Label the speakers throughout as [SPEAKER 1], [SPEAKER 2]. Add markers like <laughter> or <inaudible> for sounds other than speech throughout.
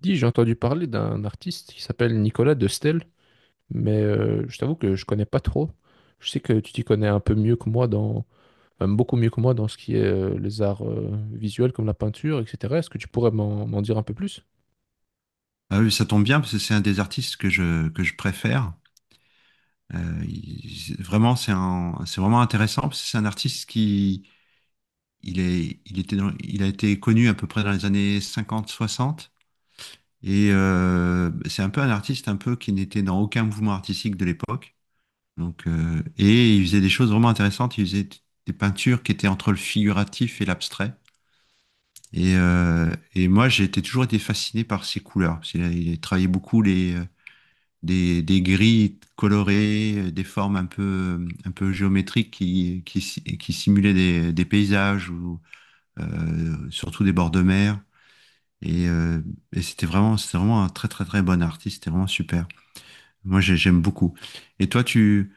[SPEAKER 1] Dis, j'ai entendu parler d'un artiste qui s'appelle Nicolas de Stel, mais je t'avoue que je connais pas trop. Je sais que tu t'y connais un peu mieux que moi dans, même beaucoup mieux que moi dans ce qui est les arts visuels comme la peinture, etc. Est-ce que tu pourrais m'en dire un peu plus?
[SPEAKER 2] Ah oui, ça tombe bien parce que c'est un des artistes que je préfère. Vraiment, c'est vraiment intéressant parce que c'est un artiste qui il était il a été connu à peu près dans les années cinquante soixante et c'est un peu un artiste un peu qui n'était dans aucun mouvement artistique de l'époque. Et il faisait des choses vraiment intéressantes. Il faisait des peintures qui étaient entre le figuratif et l'abstrait. Et moi, toujours été fasciné par ses couleurs, il a travaillé beaucoup les des grilles colorées, des formes un peu géométriques qui, si- qui simulaient des paysages ou surtout des bords de mer. Et, euh, et c'était vraiment un très très très bon artiste, c'était vraiment super. J'aime beaucoup. Et toi tu,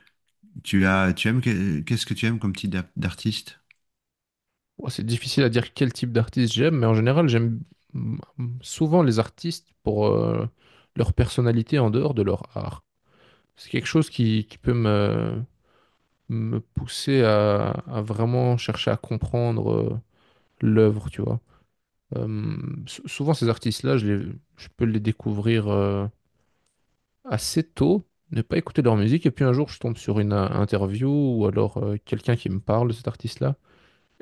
[SPEAKER 2] tu as, tu aimes, qu'est-ce que tu aimes comme type d'artiste?
[SPEAKER 1] Bon, c'est difficile à dire quel type d'artiste j'aime, mais en général, j'aime mm, souvent les artistes pour leur personnalité en dehors de leur art. C'est quelque chose qui peut me, me pousser à vraiment chercher à comprendre l'œuvre, tu vois. Euh, Souvent, ces artistes-là, je peux les découvrir assez tôt, ne pas écouter leur musique, et puis un jour, je tombe sur une interview ou alors quelqu'un qui me parle de cet artiste-là.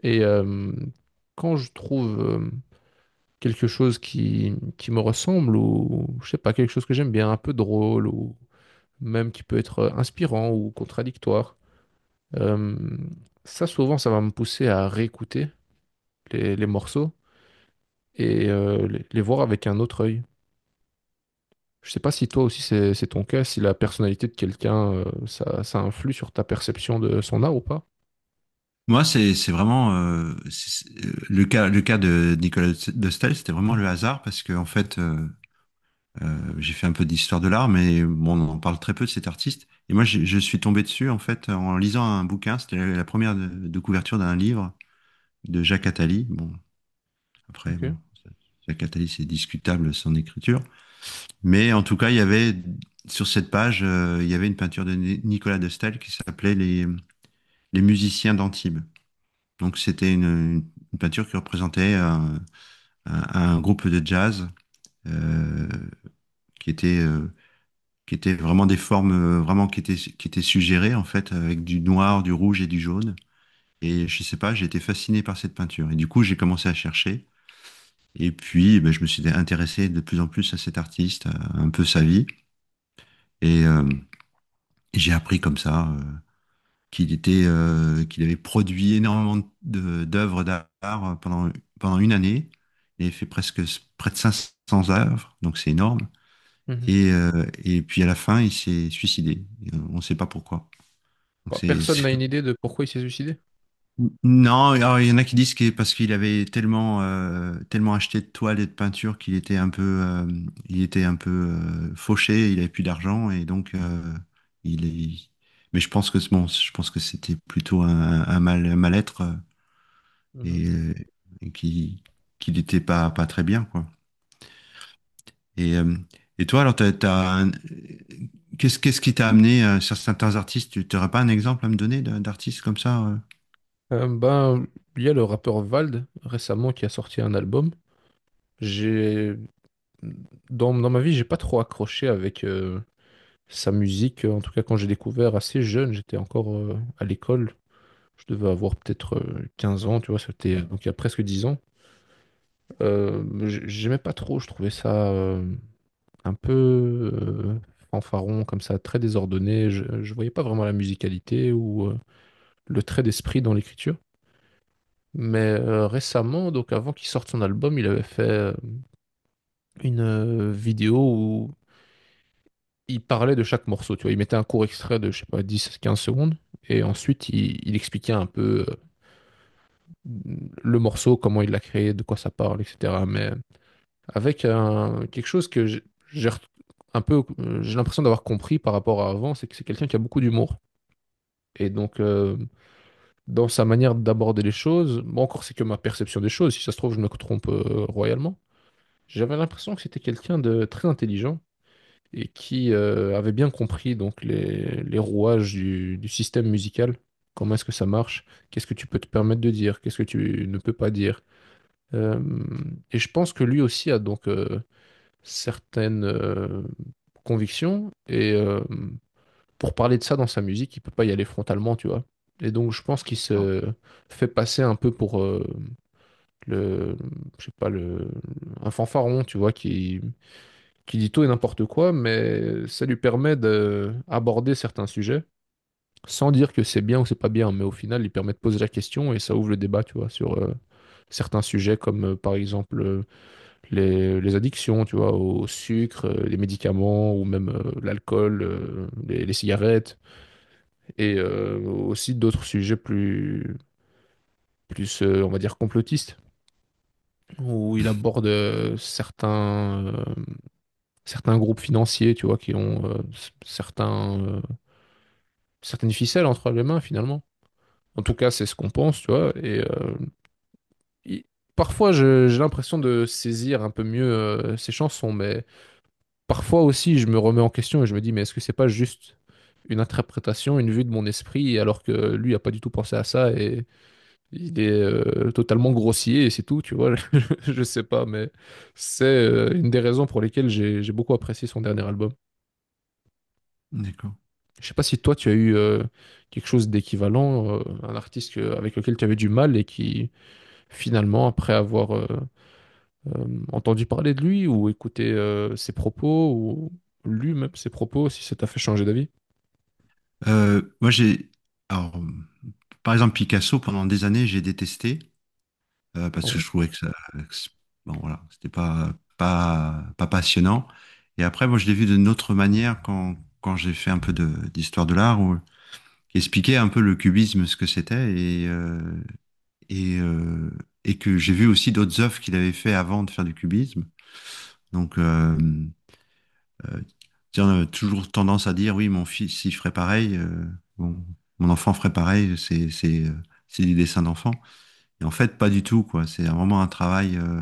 [SPEAKER 1] Et quand je trouve quelque chose qui me ressemble, ou je sais pas, quelque chose que j'aime bien, un peu drôle, ou même qui peut être inspirant ou contradictoire, euh, ça, souvent, ça va me pousser à réécouter les morceaux et les voir avec un autre œil. Je sais pas si toi aussi c'est ton cas, si la personnalité de quelqu'un, ça, ça influe sur ta perception de son art ou pas.
[SPEAKER 2] Moi, c'est vraiment le cas de Nicolas de Staël, c'était vraiment le hasard parce que en fait, j'ai fait un peu d'histoire de l'art, mais bon, on en parle très peu de cet artiste. Et moi, je suis tombé dessus en fait en lisant un bouquin. C'était la première de couverture d'un livre de Jacques Attali. Bon, après, bon,
[SPEAKER 1] Ok.
[SPEAKER 2] Jacques Attali, c'est discutable son écriture, mais en tout cas, il y avait sur cette page, il y avait une peinture de Nicolas de Staël qui s'appelait les musiciens d'Antibes. Donc, c'était une peinture qui représentait un groupe de jazz euh, qui était euh, qui étaient vraiment des formes vraiment qui étaient suggérées en fait avec du noir, du rouge et du jaune. Et je sais pas, j'ai été fasciné par cette peinture. Et du coup, j'ai commencé à chercher. Et puis, ben, je me suis intéressé de plus en plus à cet artiste, à un peu sa vie. Et j'ai appris comme ça qu'il avait produit énormément d'œuvres d'art pendant, pendant une année. Il avait fait presque près de cinq cents œuvres, donc c'est énorme.
[SPEAKER 1] Mhm.
[SPEAKER 2] Et puis à la fin, il s'est suicidé. Et on ne sait pas pourquoi. Donc
[SPEAKER 1] Bah,
[SPEAKER 2] c'est,
[SPEAKER 1] personne
[SPEAKER 2] c'est-
[SPEAKER 1] n'a une idée de pourquoi il s'est suicidé.
[SPEAKER 2] Non, alors, il y en a qui disent que parce qu'il avait tellement, tellement acheté de toiles et de peintures qu'il était un peu, fauché, il avait plus d'argent et donc il est. Mais je pense que bon, je pense que c'était plutôt un mal, un mal-être,
[SPEAKER 1] Mhm.
[SPEAKER 2] et, euh, et qui, qu'il n'était pas, pas très bien quoi. Et, euh, et toi alors t'as qu'est-ce qui t'a amené sur certains artistes? Tu n'aurais pas un exemple à me donner d'artiste comme ça?
[SPEAKER 1] Euh, ben, il y a le rappeur Vald récemment qui a sorti un album. J'ai dans ma vie, j'ai pas trop accroché avec sa musique. En tout cas, quand j'ai découvert assez jeune, j'étais encore à l'école. Je devais avoir peut-être 15 ans, tu vois, c'était donc il y a presque 10 ans. J'aimais pas trop, je trouvais ça. Un peu fanfaron comme ça, très désordonné. Je, ne voyais pas vraiment la musicalité ou le trait d'esprit dans l'écriture. Mais récemment, donc avant qu'il sorte son album, il avait fait une vidéo où il parlait de chaque morceau. Tu vois, il mettait un court extrait de, je sais pas, dix quinze secondes. Et ensuite, il expliquait un peu le morceau, comment il l'a créé, de quoi ça parle, etc. Mais quelque chose que j'ai re- un peu, j'ai l'impression d'avoir compris par rapport à avant, c'est que c'est quelqu'un qui a beaucoup d'humour. Et donc, dans sa manière d'aborder les choses, bon, encore c'est que ma perception des choses, si ça se trouve, je me trompe royalement. J'avais l'impression que c'était quelqu'un de très intelligent et qui avait bien compris donc les rouages du système musical. Comment est-ce que ça marche? Qu'est-ce que tu peux te permettre de dire? Qu'est-ce que tu ne peux pas dire? Euh, et je pense que lui aussi a donc certaines convictions et pour parler de ça dans sa musique, il peut pas y aller frontalement, tu vois. Et donc je pense qu'il se fait passer un peu pour le, je sais pas, le, un fanfaron, tu vois, qui dit tout et n'importe quoi, mais ça lui permet d'aborder certains sujets sans dire que c'est bien ou c'est pas bien, mais au final, il permet de poser la question et ça ouvre le débat, tu vois, sur certains sujets comme par exemple les addictions, tu vois, au sucre, les médicaments ou même l'alcool, les cigarettes, et aussi d'autres sujets plus, plus on va dire, complotistes, où il aborde certains, certains groupes financiers, tu vois, qui ont certains, certaines ficelles entre les mains, finalement. En tout cas, c'est ce qu'on pense, tu vois. Et il- parfois, j'ai l'impression de saisir un peu mieux ces chansons, mais parfois aussi, je me remets en question et je me dis, mais est-ce que c'est pas juste une interprétation, une vue de mon esprit, alors que lui a pas du tout pensé à ça et il est totalement grossier et c'est tout, tu vois. <laughs> Je sais pas, mais c'est une des raisons pour lesquelles j'ai beaucoup apprécié son dernier album.
[SPEAKER 2] D'accord.
[SPEAKER 1] Je sais pas si toi tu as eu quelque chose d'équivalent, avec lequel tu avais du mal et qui finalement, après avoir euh, entendu parler de lui ou écouté ses propos ou lu même ses propos, si ça t'a fait changer d'avis.
[SPEAKER 2] Moi, j'ai. Alors, par exemple, Picasso, pendant des années, j'ai détesté parce que
[SPEAKER 1] Ah.
[SPEAKER 2] je trouvais que ça, bon, voilà, c'était pas passionnant. Et après, moi, je l'ai vu d'une autre manière quand j'ai fait un peu d'histoire de l'art, qui expliquait un peu le cubisme, ce que c'était, et, euh, et que j'ai vu aussi d'autres œuvres qu'il avait fait avant de faire du cubisme. Donc, euh, euh, Tiens, toujours tendance à dire, oui, mon fils, il ferait pareil, bon, mon enfant ferait pareil, c'est du dessin d'enfant. Et en fait, pas du tout, quoi. C'est vraiment un travail euh,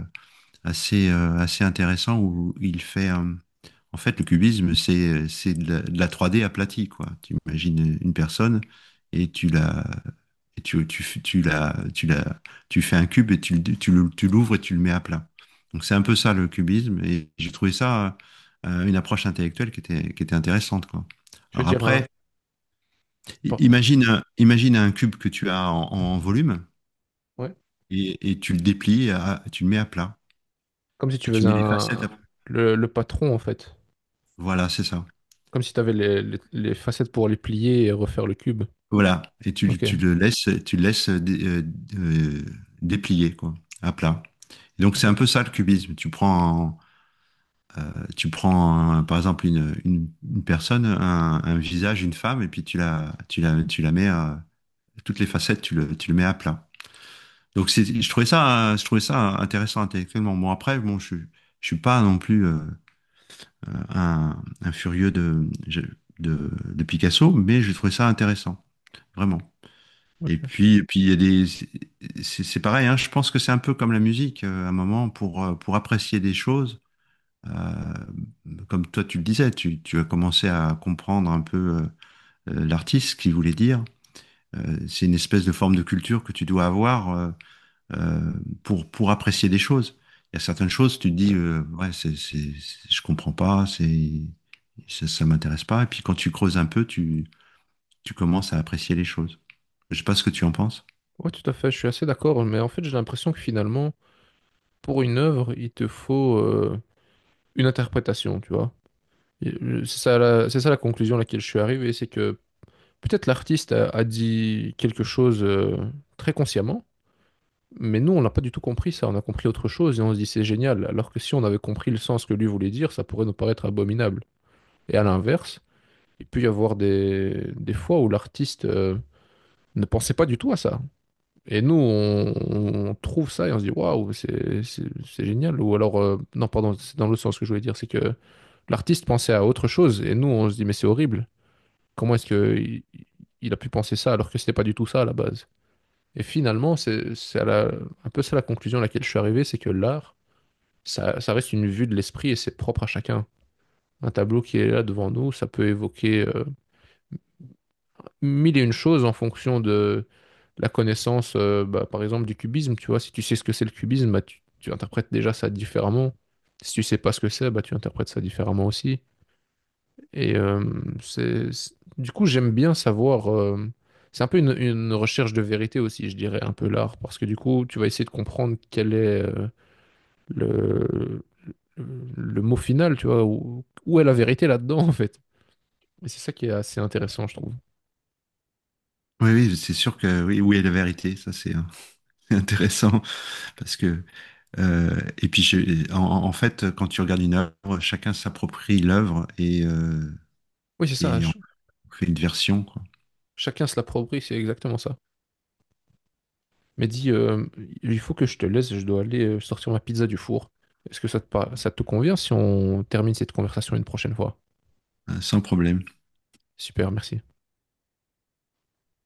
[SPEAKER 2] assez, euh, assez intéressant où il fait, en fait, le cubisme, c'est de de la 3D aplatie, quoi. Tu imagines une personne et tu la, et tu, f- tu, la, tu, la, tu fais un cube et tu l'ouvres et tu le mets à plat. Donc c'est un peu ça le cubisme et j'ai trouvé ça une approche intellectuelle qui était intéressante, quoi.
[SPEAKER 1] Tu veux
[SPEAKER 2] Alors
[SPEAKER 1] dire un...
[SPEAKER 2] après,
[SPEAKER 1] Pardon.
[SPEAKER 2] imagine un cube que tu as en, en volume
[SPEAKER 1] Ouais.
[SPEAKER 2] et tu le déplies, tu le mets à plat
[SPEAKER 1] Comme si tu
[SPEAKER 2] et tu
[SPEAKER 1] faisais
[SPEAKER 2] mets les facettes
[SPEAKER 1] un...
[SPEAKER 2] à plat.
[SPEAKER 1] Le patron, en fait.
[SPEAKER 2] Voilà, c'est ça.
[SPEAKER 1] Comme si tu avais les, les facettes pour les plier et refaire le cube.
[SPEAKER 2] Voilà. Et
[SPEAKER 1] Ok.
[SPEAKER 2] tu le laisses euh, déplier, quoi, à plat. Donc c'est
[SPEAKER 1] Ok.
[SPEAKER 2] un peu ça le cubisme. Tu prends, tu prends, par exemple, une personne, un visage, une femme, et puis tu la mets, toutes les facettes, tu le mets à plat. Donc, c'est, je trouvais ça intéressant intellectuellement. Bon, après, bon, je suis pas non plus un, un furieux de Picasso, mais je trouvais ça intéressant, vraiment.
[SPEAKER 1] Ok.
[SPEAKER 2] Et puis il y a des, c'est pareil, hein, je pense que c'est un peu comme la musique, à un moment, pour apprécier des choses. Euh, Comme toi, tu le disais, tu as commencé à comprendre un peu l'artiste, ce qu'il voulait dire. C'est une espèce de forme de culture que tu dois avoir, euh, pour apprécier des choses. Il y a certaines choses, tu te dis,
[SPEAKER 1] Ouais.
[SPEAKER 2] ouais, je comprends pas, ça, ça m'intéresse pas. Et puis quand tu creuses un peu, tu commences à apprécier les choses. Je sais pas ce que tu en penses.
[SPEAKER 1] Ouais, tout à fait. Je suis assez d'accord. Mais en fait, j'ai l'impression que finalement, pour une œuvre, il te faut une interprétation, tu vois. Et, c'est ça la, c'est ça la conclusion à laquelle je suis arrivé. C'est que peut-être l'artiste a, a dit quelque chose très consciemment, mais nous, on n'a pas du tout compris ça. On a compris autre chose et on se dit c'est génial. Alors que si on avait compris le sens que lui voulait dire, ça pourrait nous paraître abominable. Et à l'inverse, il peut y avoir des fois où l'artiste ne pensait pas du tout à ça. Et nous, on trouve ça et on se dit waouh, c'est génial. Ou alors, non, pardon, c'est dans l'autre sens que je voulais dire, c'est que l'artiste pensait à autre chose et nous, on se dit mais c'est horrible. Comment est-ce que il a pu penser ça alors que c'était pas du tout ça à la base? Et finalement, un peu ça la conclusion à laquelle je suis arrivé, c'est que l'art, ça reste une vue de l'esprit et c'est propre à chacun. Un tableau qui est là devant nous, ça peut évoquer mille et une choses en fonction de la connaissance, bah, par exemple, du cubisme. Tu vois, si tu sais ce que c'est le cubisme, bah, tu interprètes déjà ça différemment. Si tu sais pas ce que c'est, bah, tu interprètes ça différemment aussi. Et du coup, j'aime bien savoir. C'est un peu une recherche de vérité aussi, je dirais, un peu l'art, parce que du coup, tu vas essayer de comprendre quel est, le, le le mot final, tu vois, où, où est la vérité là-dedans, en fait. Et c'est ça qui est assez intéressant, je trouve.
[SPEAKER 2] Oui, oui, c'est sûr que oui, où est la vérité? Ça, c'est <laughs> intéressant parce que en fait, quand tu regardes une œuvre, chacun s'approprie l'œuvre
[SPEAKER 1] Oui, c'est ça,
[SPEAKER 2] et en fait une version, quoi,
[SPEAKER 1] chacun se l'approprie, c'est exactement ça. Mais dis, il faut que je te laisse, je dois aller sortir ma pizza du four. Est-ce que ça te, ça te convient si on termine cette conversation une prochaine fois?
[SPEAKER 2] hein, sans problème.
[SPEAKER 1] Super, merci.